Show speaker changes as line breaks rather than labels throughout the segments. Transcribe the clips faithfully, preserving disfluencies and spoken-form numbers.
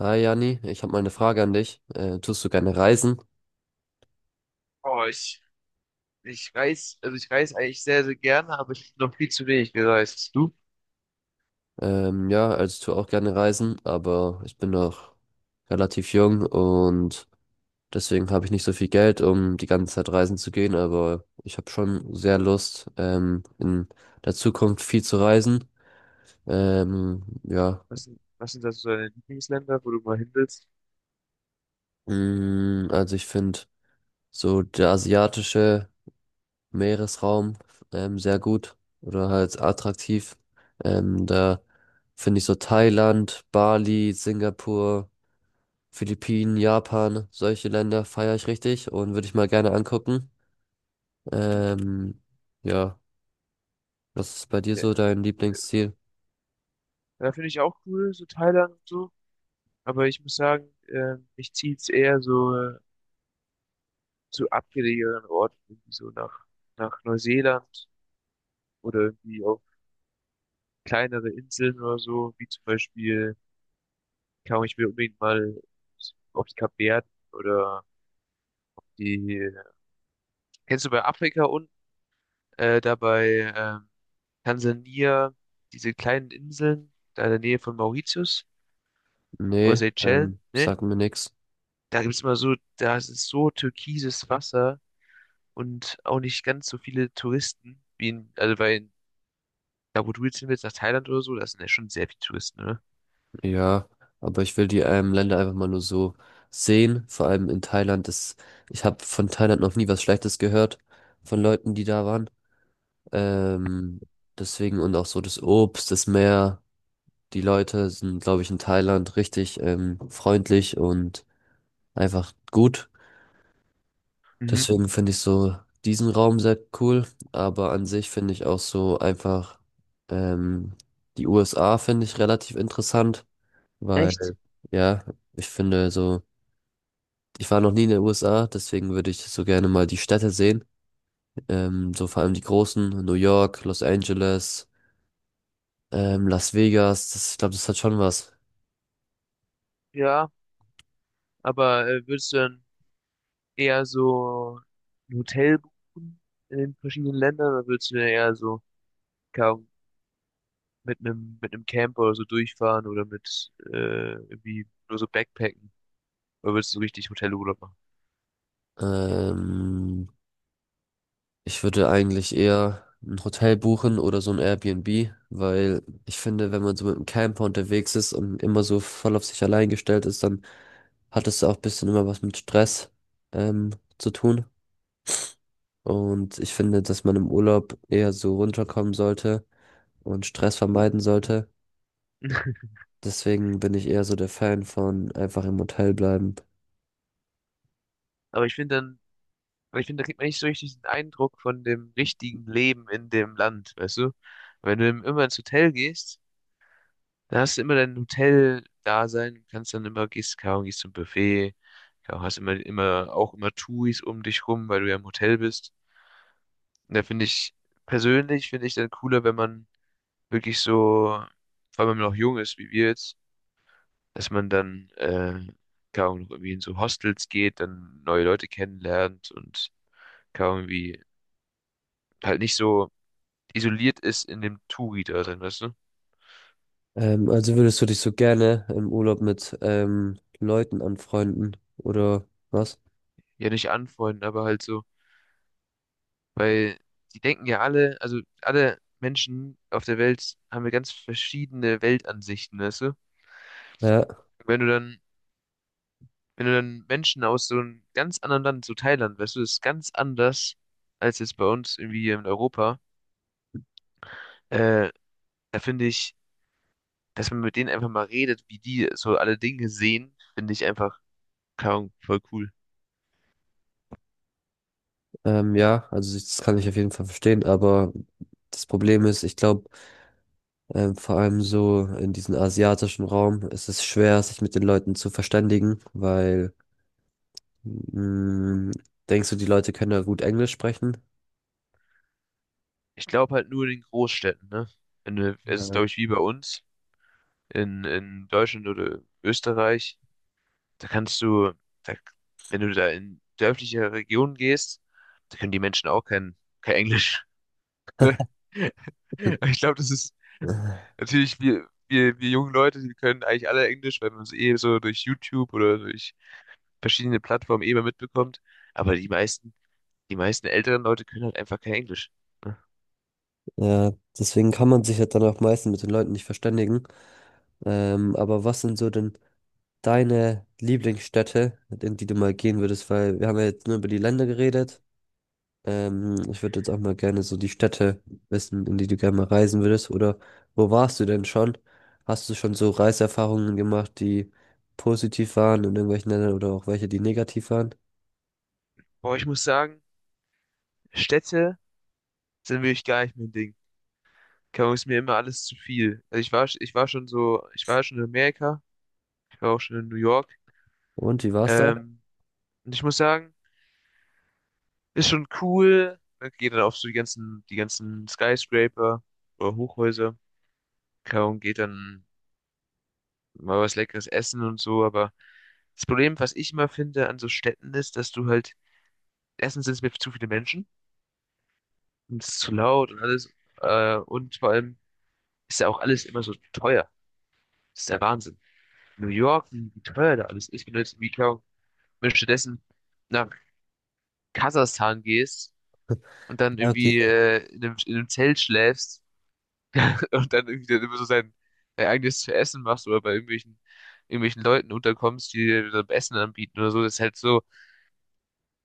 Hi Jani, ich habe mal eine Frage an dich. Äh, tust du gerne reisen?
Oh, ich, ich reise, also ich reise eigentlich sehr, sehr gerne, aber ich bin noch viel zu wenig gereist. Du?
Ähm, ja, also ich tue auch gerne reisen, aber ich bin noch relativ jung und deswegen habe ich nicht so viel Geld, um die ganze Zeit reisen zu gehen, aber ich habe schon sehr Lust, ähm, in der Zukunft viel zu reisen. Ähm, ja,
Was sind, was sind da so deine Lieblingsländer, wo du mal hin willst?
mm, also ich finde so der asiatische Meeresraum ähm, sehr gut oder halt attraktiv. Ähm, da finde ich so Thailand, Bali, Singapur, Philippinen, Japan, solche Länder feiere ich richtig und würde ich mal gerne angucken.
Mhm.
Ähm, ja, was ist bei dir
Ja,
so dein Lieblingsziel?
da finde ich auch cool, so Thailand und so. Aber ich muss sagen, äh, mich zieht's eher so äh, zu abgelegeneren Orten, irgendwie so nach, nach Neuseeland oder irgendwie auf kleinere Inseln oder so, wie zum Beispiel, keine Ahnung, ich will unbedingt mal auf die Kapverden oder die, kennst du bei Afrika unten? Äh, da bei ähm, Tansania, diese kleinen Inseln, da in der Nähe von Mauritius oder
Nee, ähm,
Seychellen, ne?
sag mir nix.
Da gibt's immer so, da ist es so türkises Wasser und auch nicht ganz so viele Touristen wie in, also weil in, da wo du jetzt hin willst, nach Thailand oder so, da sind ja schon sehr viele Touristen, ne?
Ja, aber ich will die ähm, Länder einfach mal nur so sehen. Vor allem in Thailand ist, ich habe von Thailand noch nie was Schlechtes gehört von Leuten, die da waren. Ähm, Deswegen, und auch so das Obst, das Meer. Die Leute sind, glaube ich, in Thailand richtig ähm, freundlich und einfach gut.
Mhm.
Deswegen finde ich so diesen Raum sehr cool. Aber an sich finde ich auch so einfach ähm, die U S A finde ich relativ interessant,
Echt?
weil ja, ich finde so, ich war noch nie in den U S A, deswegen würde ich so gerne mal die Städte sehen. Ähm, so vor allem die großen, New York, Los Angeles. Ähm, Las Vegas, das, ich glaube, das hat schon was.
Ja, aber äh, würdest du dann eher so ein Hotel buchen in den verschiedenen Ländern oder würdest du eher so mit einem mit einem Camper oder so durchfahren oder mit äh, irgendwie nur so Backpacken. Oder willst du so richtig Hotelurlaub machen?
Ähm, Ich würde eigentlich eher ein Hotel buchen oder so ein Airbnb, weil ich finde, wenn man so mit einem Camper unterwegs ist und immer so voll auf sich allein gestellt ist, dann hat es auch ein bisschen immer was mit Stress, ähm, zu tun. Und ich finde, dass man im Urlaub eher so runterkommen sollte und Stress vermeiden sollte. Deswegen bin ich eher so der Fan von einfach im Hotel bleiben.
Aber ich finde dann, weil ich finde, da kriegt man nicht so richtig den Eindruck von dem richtigen Leben in dem Land, weißt du? Wenn du im- immer ins Hotel gehst, da hast du immer dein Hotel-Dasein, und kannst dann immer, gehst, keine Ahnung, gehst zum Buffet, keine Ahnung, hast immer, immer, auch immer Touris um dich rum, weil du ja im Hotel bist. Und da finde ich, persönlich finde ich dann cooler, wenn man wirklich so, vor allem wenn man noch jung ist, wie wir jetzt, dass man dann, äh, keine Ahnung, noch irgendwie in so Hostels geht, dann neue Leute kennenlernt und keine Ahnung, irgendwie halt nicht so isoliert ist in dem Touri da drin, weißt du?
Ähm, also würdest du dich so gerne im Urlaub mit ähm, Leuten anfreunden oder was?
Ja, nicht anfreunden, aber halt so, weil die denken ja alle, also alle Menschen auf der Welt haben ja ganz verschiedene Weltansichten, weißt du?
Ja,
Wenn du dann, wenn du dann Menschen aus so einem ganz anderen Land, so Thailand, weißt du, das ist ganz anders als jetzt bei uns irgendwie hier in Europa. Äh, Da finde ich, dass man mit denen einfach mal redet, wie die so alle Dinge sehen, finde ich einfach, keine Ahnung, voll cool.
ähm, ja, also ich- das kann ich auf jeden Fall verstehen, aber das Problem ist, ich glaube, ähm, vor allem so in diesem asiatischen Raum ist es schwer, sich mit den Leuten zu verständigen, weil mh, denkst du, die Leute können ja gut Englisch sprechen?
Ich glaube halt nur in den Großstädten, ne? In, äh, es ist,
Ja.
glaube ich, wie bei uns in, in Deutschland oder Österreich. Da kannst du, da, wenn du da in dörfliche Regionen gehst, da können die Menschen auch kein, kein Englisch. Ne? Ich glaube, das ist natürlich, wir, wir, wir jungen Leute, die können eigentlich alle Englisch, weil man es eh so durch YouTube oder durch verschiedene Plattformen eh mal mitbekommt. Aber die meisten, die meisten älteren Leute können halt einfach kein Englisch. Ne?
Ja, deswegen kann man sich ja dann auch meistens mit den Leuten nicht verständigen. Ähm, aber was sind so denn deine Lieblingsstädte, in die du mal gehen würdest, weil wir haben ja jetzt nur über die Länder geredet. Ähm, ich würde jetzt auch mal gerne so die Städte wissen, in die du gerne mal reisen würdest. Oder wo warst du denn schon? Hast du schon so Reiserfahrungen gemacht, die positiv waren in irgendwelchen Ländern oder auch welche, die negativ waren?
Boah, ich muss sagen, Städte sind wirklich gar nicht mein Ding. Keine Ahnung, ist mir immer alles zu viel. Also ich war, ich war schon so, ich war schon in Amerika, ich war auch schon in New York.
Und wie war's da?
Ähm, und ich muss sagen, ist schon cool. Ne? Geht dann auf so die ganzen, die ganzen Skyscraper oder Hochhäuser. Keine Ahnung, geht dann mal was Leckeres essen und so. Aber das Problem, was ich immer finde an so Städten ist, dass du halt, erstens sind es mir zu viele Menschen und es ist zu laut und alles. Äh, und vor allem ist ja auch alles immer so teuer. Das ist der Wahnsinn. New York, wie wie teuer da alles ist. Wenn du jetzt, wie keine Wenn du stattdessen nach Kasachstan gehst und dann
Ja, okay.
irgendwie äh, in einem, in einem Zelt schläfst, und dann irgendwie dann immer so sein, dein eigenes zu essen machst oder bei irgendwelchen, irgendwelchen Leuten unterkommst, die dir dann Essen anbieten oder so, das ist halt so,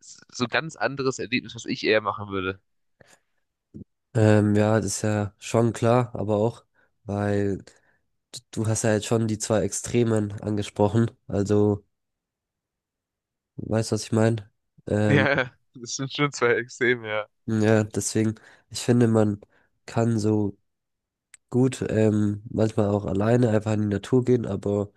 so ganz anderes Erlebnis, was ich eher machen würde.
Ähm, ja, das ist ja schon klar, aber auch, weil d- du hast ja jetzt schon die zwei Extremen angesprochen. Also, weißt du, was ich meine? Ähm,
Ja, das sind schon zwei Extreme, ja.
Ja, deswegen, ich finde, man kann so gut, ähm, manchmal auch alleine einfach in die Natur gehen, aber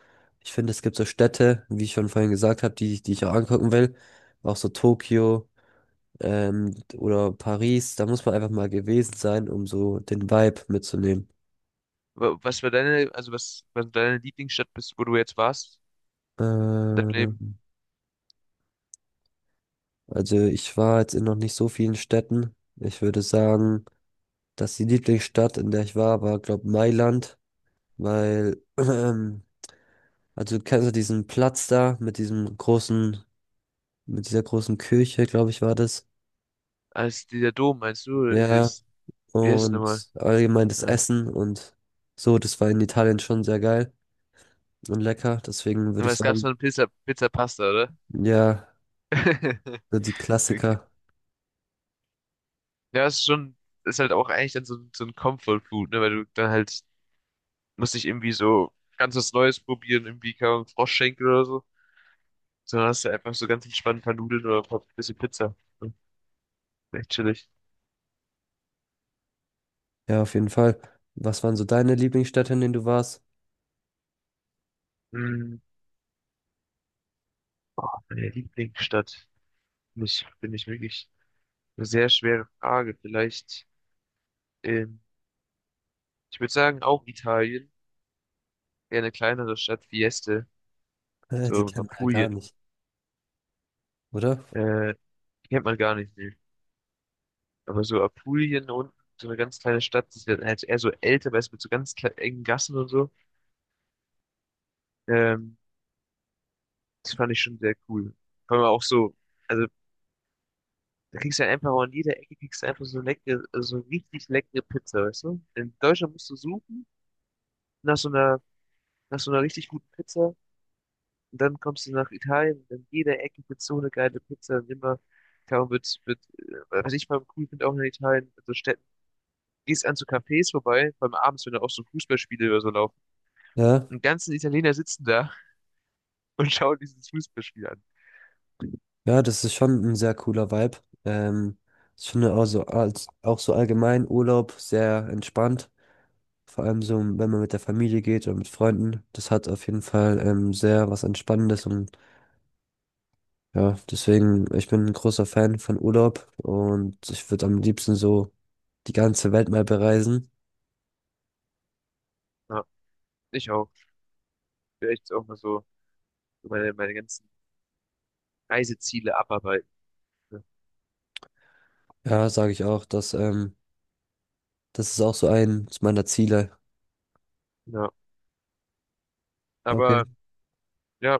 ich finde, es gibt so Städte, wie ich schon vorhin gesagt habe, die, die ich auch angucken will, auch so Tokio, ähm, oder Paris, da muss man einfach mal gewesen sein, um so den Vibe mitzunehmen.
Wa- Was war deine, also was, was war deine Lieblingsstadt bist, wo du jetzt warst in deinem Leben?
Ähm, also ich war jetzt in noch nicht so vielen Städten. Ich würde sagen, dass die Lieblingsstadt, in der ich war, war, glaube Mailand, weil also kennst du diesen Platz da mit diesem großen, mit dieser großen Kirche, glaube ich, war das.
Als dieser Dom, meinst du, oder
Ja,
dieses, wie heißt es nochmal?
und allgemein das
Ja. Ja,
Essen und so, das war in Italien schon sehr geil und lecker. Deswegen würde
aber
ich
es gab so
sagen,
eine Pizza, Pizza Pasta, oder?
ja, so die
Okay.
Klassiker.
Ja, es ist schon, ist halt auch eigentlich dann so, so ein Comfort Food, ne, weil du dann halt musst nicht irgendwie so ganz was Neues probieren, irgendwie keine Ahnung, Froschschenkel oder so, sondern hast du einfach so ganz entspannt ein paar Nudeln oder ein paar bisschen Pizza. So, echt chillig.
Ja, auf jeden Fall. Was waren so deine Lieblingsstädte, in denen du warst?
Hm, boah, meine Lieblingsstadt. Nicht, finde ich wirklich eine sehr schwere Frage. Vielleicht, ähm, ich würde sagen, auch Italien. Eher eine kleinere Stadt, wie Este,
Äh, die
so
kennt man ja gar
Apulien.
nicht, oder?
Äh, Kennt man gar nicht, nee. Aber so Apulien unten, so eine ganz kleine Stadt, das ist halt eher so älter, weißt du, mit so ganz kle- engen Gassen und so. Ähm, Das fand ich schon sehr cool. Vor allem auch so, also da kriegst du halt einfach an jeder Ecke kriegst du einfach so leckere, so richtig leckere Pizza, weißt du? In Deutschland musst du suchen nach so einer, nach so einer richtig guten Pizza und dann kommst du nach Italien und an jeder Ecke wird so eine geile Pizza und immer, kaum wird, wird, äh, was ich vor allem cool finde auch in Italien, also Städten, gehst an zu Cafés vorbei, vor allem abends, wenn da auch so Fußballspiele oder so laufen.
Ja,
Und die ganzen Italiener sitzen da und schauen dieses Fußballspiel an.
ja, das ist schon ein sehr cooler Vibe. Ähm, Ich finde auch so, als, auch so allgemein Urlaub sehr entspannt. Vor allem so, wenn man mit der Familie geht oder mit Freunden. Das hat auf jeden Fall ähm, sehr was Entspannendes und ja, deswegen, ich bin ein großer Fan von Urlaub und ich würde am liebsten so die ganze Welt mal bereisen.
Ja, ich auch. Vielleicht auch mal so so meine, meine ganzen Reiseziele abarbeiten. Ne?
Ja, sage ich auch, dass, ähm, das ist auch so eins meiner Ziele.
Ja,
Okay.
aber ja,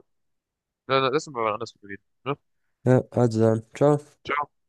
dann lassen wir mal anders drüber reden. Ne?
Ja, also dann, ciao.
Ciao.